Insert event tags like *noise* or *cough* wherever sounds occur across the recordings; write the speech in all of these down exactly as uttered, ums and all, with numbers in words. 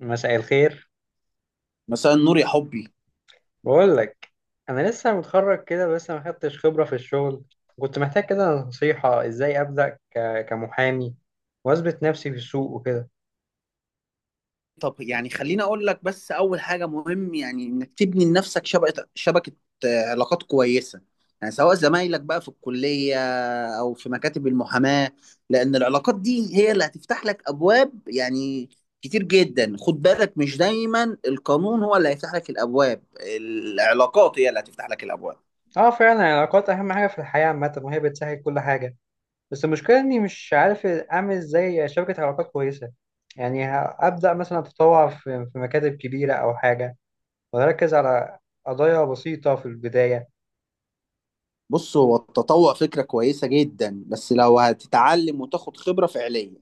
مساء الخير. مثلا نور يا حبي. بقول لك، انا لسه متخرج كده بس ما خدتش خبره في الشغل. كنت محتاج كده نصيحه ازاي ابدا ك- كمحامي واثبت نفسي في السوق وكده. طب يعني خليني اقول لك، بس اول حاجه مهم يعني انك تبني لنفسك شبكه شبكه، آه، علاقات كويسه. يعني سواء زمايلك بقى في الكليه او في مكاتب المحاماه، لان العلاقات دي هي اللي هتفتح لك ابواب يعني كتير جدا. خد بالك، مش دايما القانون هو اللي هيفتح لك الابواب، العلاقات هي اللي هتفتح لك الابواب. اه فعلا العلاقات اهم حاجه في الحياه عامه، وهي بتسهل كل حاجه. بس المشكله اني مش عارف اعمل ازاي شبكه علاقات كويسه. يعني ه- ابدا مثلا اتطوع في في مكاتب كبيره او حاجه، واركز على قضايا بسيطه في البدايه. بص، هو التطوع فكره كويسه جدا بس لو هتتعلم وتاخد خبره فعليه.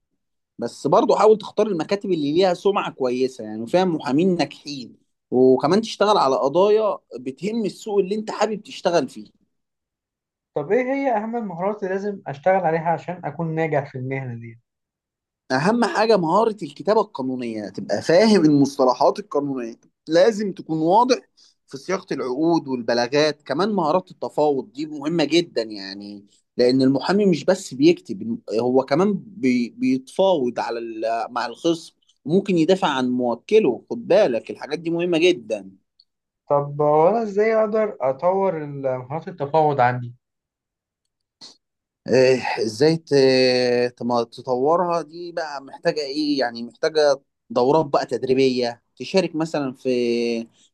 بس برضه حاول تختار المكاتب اللي ليها سمعة كويسة يعني، وفيها محامين ناجحين. وكمان تشتغل على قضايا بتهم السوق اللي انت حابب تشتغل فيه. طب ايه هي اهم المهارات اللي لازم اشتغل عليها عشان اكون ناجح في المهنه دي؟ اهم حاجة مهارة الكتابة القانونية، تبقى فاهم المصطلحات القانونية. لازم تكون واضح في صياغة العقود والبلاغات. كمان مهارات التفاوض دي مهمة جدا يعني، لأن المحامي مش بس بيكتب، هو كمان بي بيتفاوض على ال- مع الخصم، وممكن يدافع عن موكله. خد بالك الحاجات دي مهمة جدا. طب هو انا ازاي اقدر اطور ال- مهارات التفاوض عندي؟ إيه، ازاي ت- تم- تطورها؟ دي بقى محتاجة ايه؟ يعني محتاجة دورات بقى تدريبية، تشارك مثلا في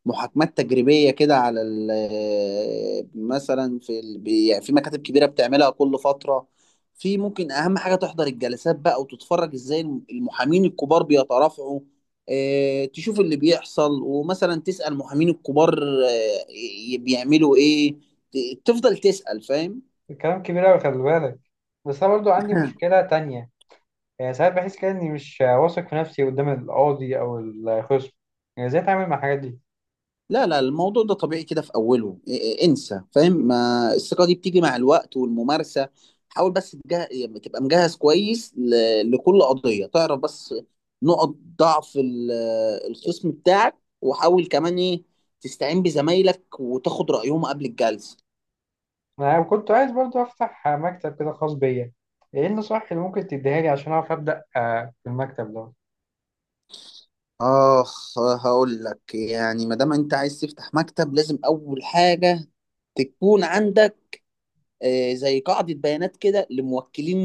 محاكمات تجريبيه كده على ال- مثلا في ال- بي- يعني في مكاتب كبيرة بتعملها كل فترة. في ممكن اهم حاجة تحضر الجلسات بقى وتتفرج ازاي المحامين الكبار بيترافعوا. إيه، تشوف اللي بيحصل، ومثلا تسأل المحامين الكبار إيه، بيعملوا ايه. ت- تفضل تسأل، فاهم؟ الكلام كبير قوي، خلي بالك. بس انا برضو عندي *laughs* مشكله تانية. يعني ساعات بحس كده اني مش واثق في نفسي قدام القاضي او الخصم. يعني ازاي اتعامل مع الحاجات دي؟ لا لا، الموضوع ده طبيعي كده في اوله. إيه- إيه، انسى، فاهم؟ ما الثقه دي بتيجي مع الوقت والممارسه. حاول بس تجه... يعني تبقى مجهز كويس ل... لكل قضيه، تعرف بس نقط ضعف ال- الخصم بتاعك، وحاول كمان ايه، تستعين بزمايلك وتاخد رايهم قبل الجلسه. انا كنت عايز برضو افتح مكتب كده خاص بيا. ايه النصائح اللي ممكن تديها لي عشان اعرف ابدا آه، في المكتب ده؟ اخ، هقول لك يعني. ما دام انت عايز تفتح مكتب، لازم اول حاجه تكون عندك آه، زي قاعدة بيانات كده لموكلين،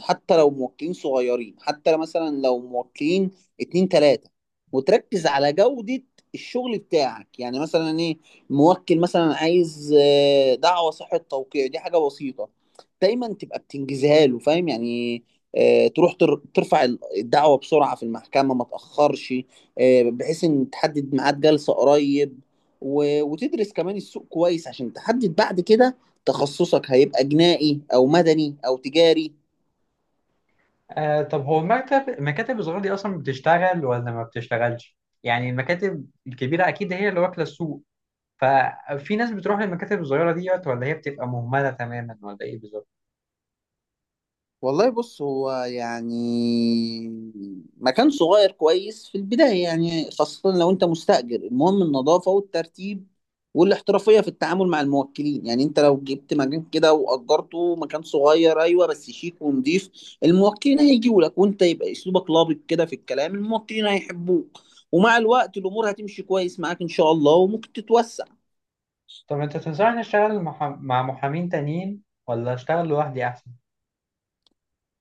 حتى لو موكلين صغيرين، حتى لو مثلا لو موكلين اتنين تلاتة، وتركز على جودة الشغل بتاعك. يعني مثلا ايه، موكل مثلا عايز آه، دعوة صحة توقيع، دي حاجة بسيطة، دايما تبقى بتنجزها له، فاهم؟ يعني آه، تروح تر- ترفع الدعوة بسرعة في المحكمة، ما تأخرش، آه، بحيث ان تحدد ميعاد جلسة قريب. و- وتدرس كمان السوق كويس عشان تحدد بعد كده تخصصك هيبقى جنائي او مدني او تجاري. آه طب هو المكتب المكاتب الصغيره دي اصلا بتشتغل ولا ما بتشتغلش؟ يعني المكاتب الكبيره اكيد هي اللي واكله السوق. ففي ناس بتروح للمكاتب الصغيرة ديت ولا هي بتبقى مهملة تماما ولا ايه بالظبط؟ والله بص، هو يعني مكان صغير كويس في البداية، يعني خاصة لو انت مستأجر. المهم النظافة والترتيب والاحترافية في التعامل مع الموكلين. يعني انت لو جبت مكان كده وأجرته، مكان صغير ايوه بس شيك ونضيف، الموكلين هيجوا لك. وانت يبقى اسلوبك لابق كده في الكلام، الموكلين هيحبوك، ومع الوقت الامور هتمشي كويس معاك ان شاء الله وممكن تتوسع. طب انت تنصحني اشتغل مح... مع محامين تانيين ولا اشتغل لوحدي احسن؟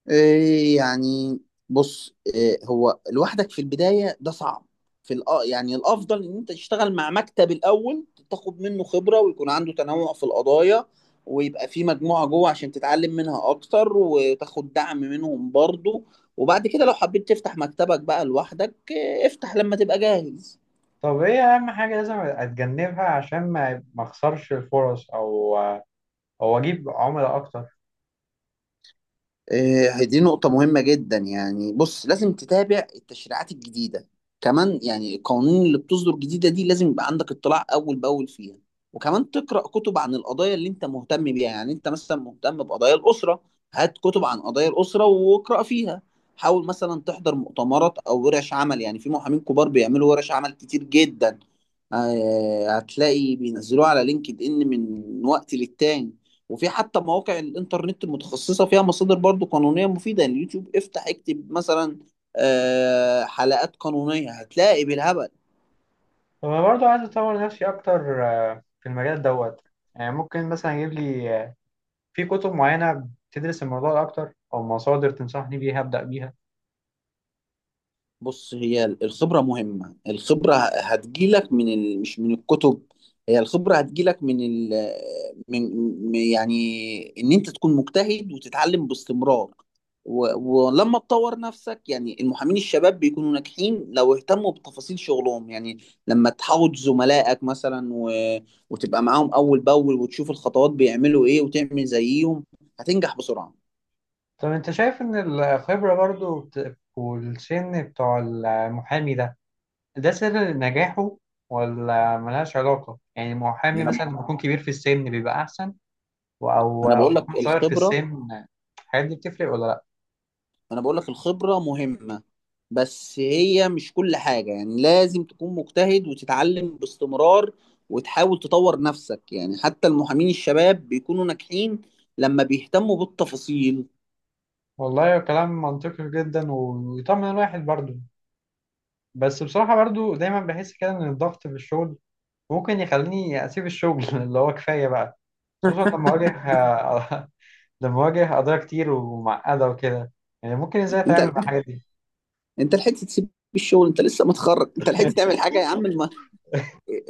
إيه يعني، بص، إيه هو لوحدك في البداية ده صعب. في الأ... يعني الأفضل إن أنت تشتغل مع مكتب الأول، تاخد منه خبرة ويكون عنده تنوع في القضايا، ويبقى في مجموعة جوه عشان تتعلم منها أكتر وتاخد دعم منهم برضو. وبعد كده لو حبيت تفتح مكتبك بقى لوحدك، إيه، افتح لما تبقى جاهز. طب ايه اهم حاجة لازم اتجنبها عشان ما ما اخسرش الفرص او او اجيب عملاء اكتر؟ إيه، دي نقطة مهمة جدا يعني. بص، لازم تتابع التشريعات الجديدة، كمان يعني القوانين اللي بتصدر جديدة دي لازم يبقى عندك اطلاع أول بأول فيها. وكمان تقرأ كتب عن القضايا اللي أنت مهتم بيها. يعني أنت مثلا مهتم بقضايا الأسرة، هات كتب عن قضايا الأسرة واقرأ فيها. حاول مثلا تحضر مؤتمرات أو ورش عمل. يعني في محامين كبار بيعملوا ورش عمل كتير جدا، آه، هتلاقي بينزلوها على لينكد إن من وقت للتاني. وفي حتى مواقع الانترنت المتخصصه فيها مصادر برضو قانونيه مفيده. يعني اليوتيوب افتح اكتب مثلا آه، حلقات قانونيه، هتلاقي بالهبل. طب انا برضه عايز اطور نفسي اكتر، آه، في المجال دوت. يعني ممكن مثلا اجيب لي آه، في كتب معينة بتدرس الموضوع ده اكتر، او مصادر تنصحني بيها ابدأ بيها؟ بص، هي الخبرة مهمة. الخبرة هتجيلك من ال... مش من الكتب. هي الخبرة هتجيلك من ال... من من- يعني إن أنت تكون مجتهد وتتعلم باستمرار و... ولما تطور نفسك. يعني المحامين الشباب بيكونوا ناجحين لو اهتموا بتفاصيل شغلهم. يعني لما تحاوط زملائك مثلا و... وتبقى معاهم أول بأول وتشوف الخطوات بيعملوا إيه وتعمل زيهم، هتنجح بسرعة. طب انت شايف ان الخبرة برضو بت- والسن بتوع المحامي ده، ده سر نجاحه ولا ملهاش علاقة؟ يعني ما المحامي أنا ما مثلا لما يكون كبير في السن بيبقى احسن، و- او أنا او بقول لك يكون صغير في الخبرة، السن؟ الحاجات دي بتفرق ولا لا؟ انا بقول لك الخبرة مهمة، بس هي مش كل حاجة. يعني لازم تكون مجتهد وتتعلم باستمرار، وتحاول تطور نفسك. يعني حتى المحامين الشباب بيكونوا ناجحين لما بيهتموا بالتفاصيل. والله كلام منطقي جدا، ويطمن الواحد برضو. بس بصراحة برضو دايما بحس كده ان الضغط في الشغل ممكن يخليني اسيب الشغل *laughs* اللي هو كفاية بقى، خصوصا *laughs* لما اواجه *laughs* ده مواجه قضايا كتير ومعقدة وكده. يعني ممكن ازاي انت اتعامل مع الحاجات دي؟ انت لحقت تسيب الشغل؟ انت لسه متخرج، انت لحقت تعمل حاجة يا عم؟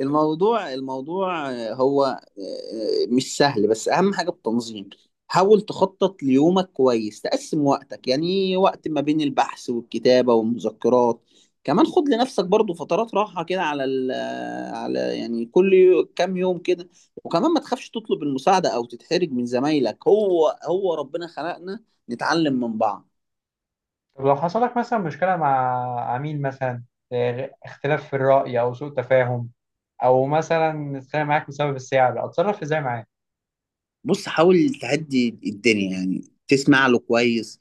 الموضوع الموضوع هو آه، مش سهل، بس اهم حاجه التنظيم. حاول تخطط ليومك كويس، تقسم وقتك يعني وقت ما بين البحث والكتابه والمذكرات. كمان خد لنفسك برضو فترات راحه كده على ال على يعني كل يو- كام يوم كده. وكمان ما تخافش تطلب المساعده او تتحرج من زمايلك، هو هو ربنا خلقنا نتعلم من بعض. طب لو حصل لك مثلا مشكلة مع عميل مثلا، آه، اختلاف في الرأي او سوء تفاهم، او مثلا اتخانق معاك بسبب السعر، اتصرف ازاي معاه؟ بص حاول تهدي الدنيا يعني، تسمع له كويس،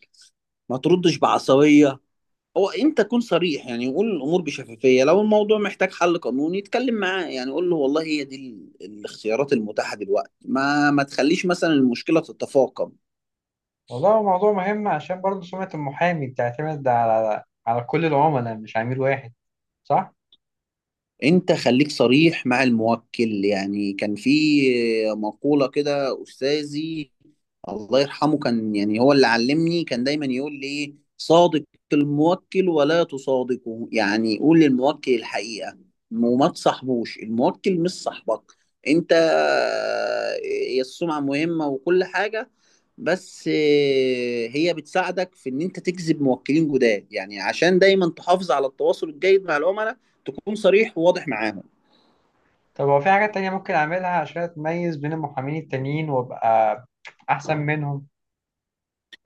ما تردش بعصبيه، هو انت كن صريح، يعني قول الامور بشفافيه. لو الموضوع محتاج حل قانوني اتكلم معاه يعني، قول له والله هي دي ال- الاختيارات المتاحه دلوقتي، ما ما تخليش مثلا المشكله تتفاقم. والله هو موضوع مهم، عشان برضه سمعة المحامي بتعتمد على على كل العملاء مش عميل واحد، صح؟ انت خليك صريح مع الموكل. يعني كان في مقوله كده، استاذي الله يرحمه، كان يعني هو اللي علمني، كان دايما يقول لي، إيه، صادق الموكل ولا تصادقه. يعني قول للموكل الحقيقة، وما تصاحبوش، الموكل مش صاحبك انت. هي السمعة مهمة وكل حاجة، بس آه، هي بتساعدك في ان انت تجذب موكلين جداد. يعني عشان دايما تحافظ على التواصل الجيد مع العملاء، تكون صريح وواضح معاهم. طب هو في حاجات تانية ممكن اعملها عشان اتميز بين المحامين التانيين وابقى احسن منهم؟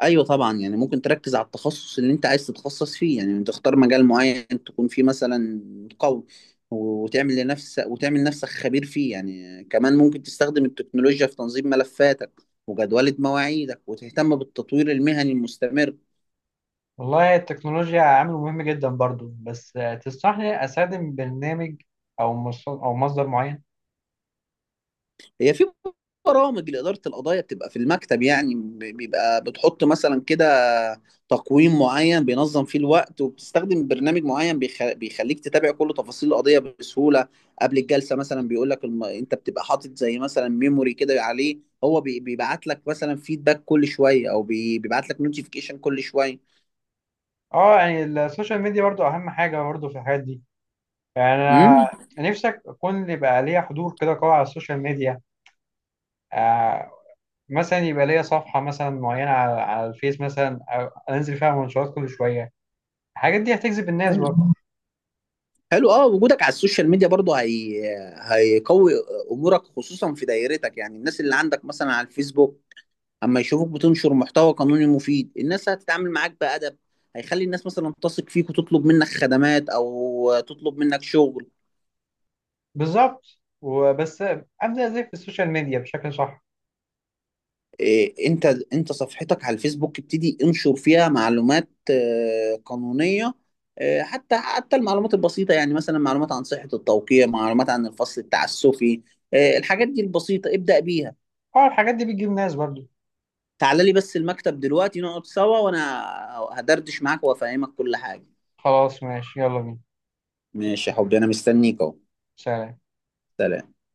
ايوه طبعا، يعني ممكن تركز على التخصص اللي انت عايز تتخصص فيه، يعني تختار مجال معين تكون فيه مثلا قوي، وتعمل لنفسك، وتعمل نفسك خبير فيه. يعني كمان ممكن تستخدم التكنولوجيا في تنظيم ملفاتك وجدولة مواعيدك، وتهتم بالتطوير المهني المستمر. والله التكنولوجيا عامل مهم جدا برضو. بس آه، تنصحني استخدم برنامج او مص- او مصدر معين؟ هي في برامج لإدارة القضايا بتبقى في المكتب يعني، بيبقى بتحط مثلا كده تقويم معين بينظم فيه الوقت، وبتستخدم برنامج معين بيخ- بيخليك تتابع كل تفاصيل القضية بسهولة. قبل الجلسة مثلا بيقول لك الم... انت بتبقى حاطط زي مثلا ميموري كده عليه. هو بي- بيبعت لك مثلا فيدباك كل شوية، او بي- بيبعت لك نوتيفيكيشن كل شوية. اه يعني السوشيال ميديا برضو اهم حاجه برضو في الحاجات دي. يعني انا امم نفسك اكون يبقى ليا حضور كده قوي على السوشيال ميديا، آه، مثلا يبقى ليا صفحه مثلا معينه على, على الفيس مثلا، أو انزل فيها منشورات كل شويه. الحاجات دي هتجذب الناس حلو، برضو؟ حلو. اه، وجودك على السوشيال ميديا برضه هي... هيقوي امورك، خصوصا في دايرتك. يعني الناس اللي عندك مثلا على الفيسبوك، اما يشوفوك بتنشر محتوى قانوني مفيد، الناس هتتعامل معاك بأدب، هيخلي الناس مثلا تثق فيك وتطلب منك خدمات او تطلب منك شغل. بالظبط. وبس ابدا ازاي في السوشيال ميديا بشكل صح؟ إيه، انت انت صفحتك على الفيسبوك، ابتدي انشر فيها معلومات آه، قانونية. آه، حتى حتى المعلومات البسيطة، يعني مثلا معلومات عن صحة التوقيع، معلومات عن الفصل التعسفي. آه، الحاجات دي البسيطة ابدأ بيها. اه الحاجات دي بتجيب ناس برضو. تعال لي بس المكتب دلوقتي نقعد سوا، وانا هدردش معاك وافهمك كل حاجة. خلاص ماشي، يلا بينا. ماشي يا حبيبي، انا مستنيك اهو. سلام. سلام.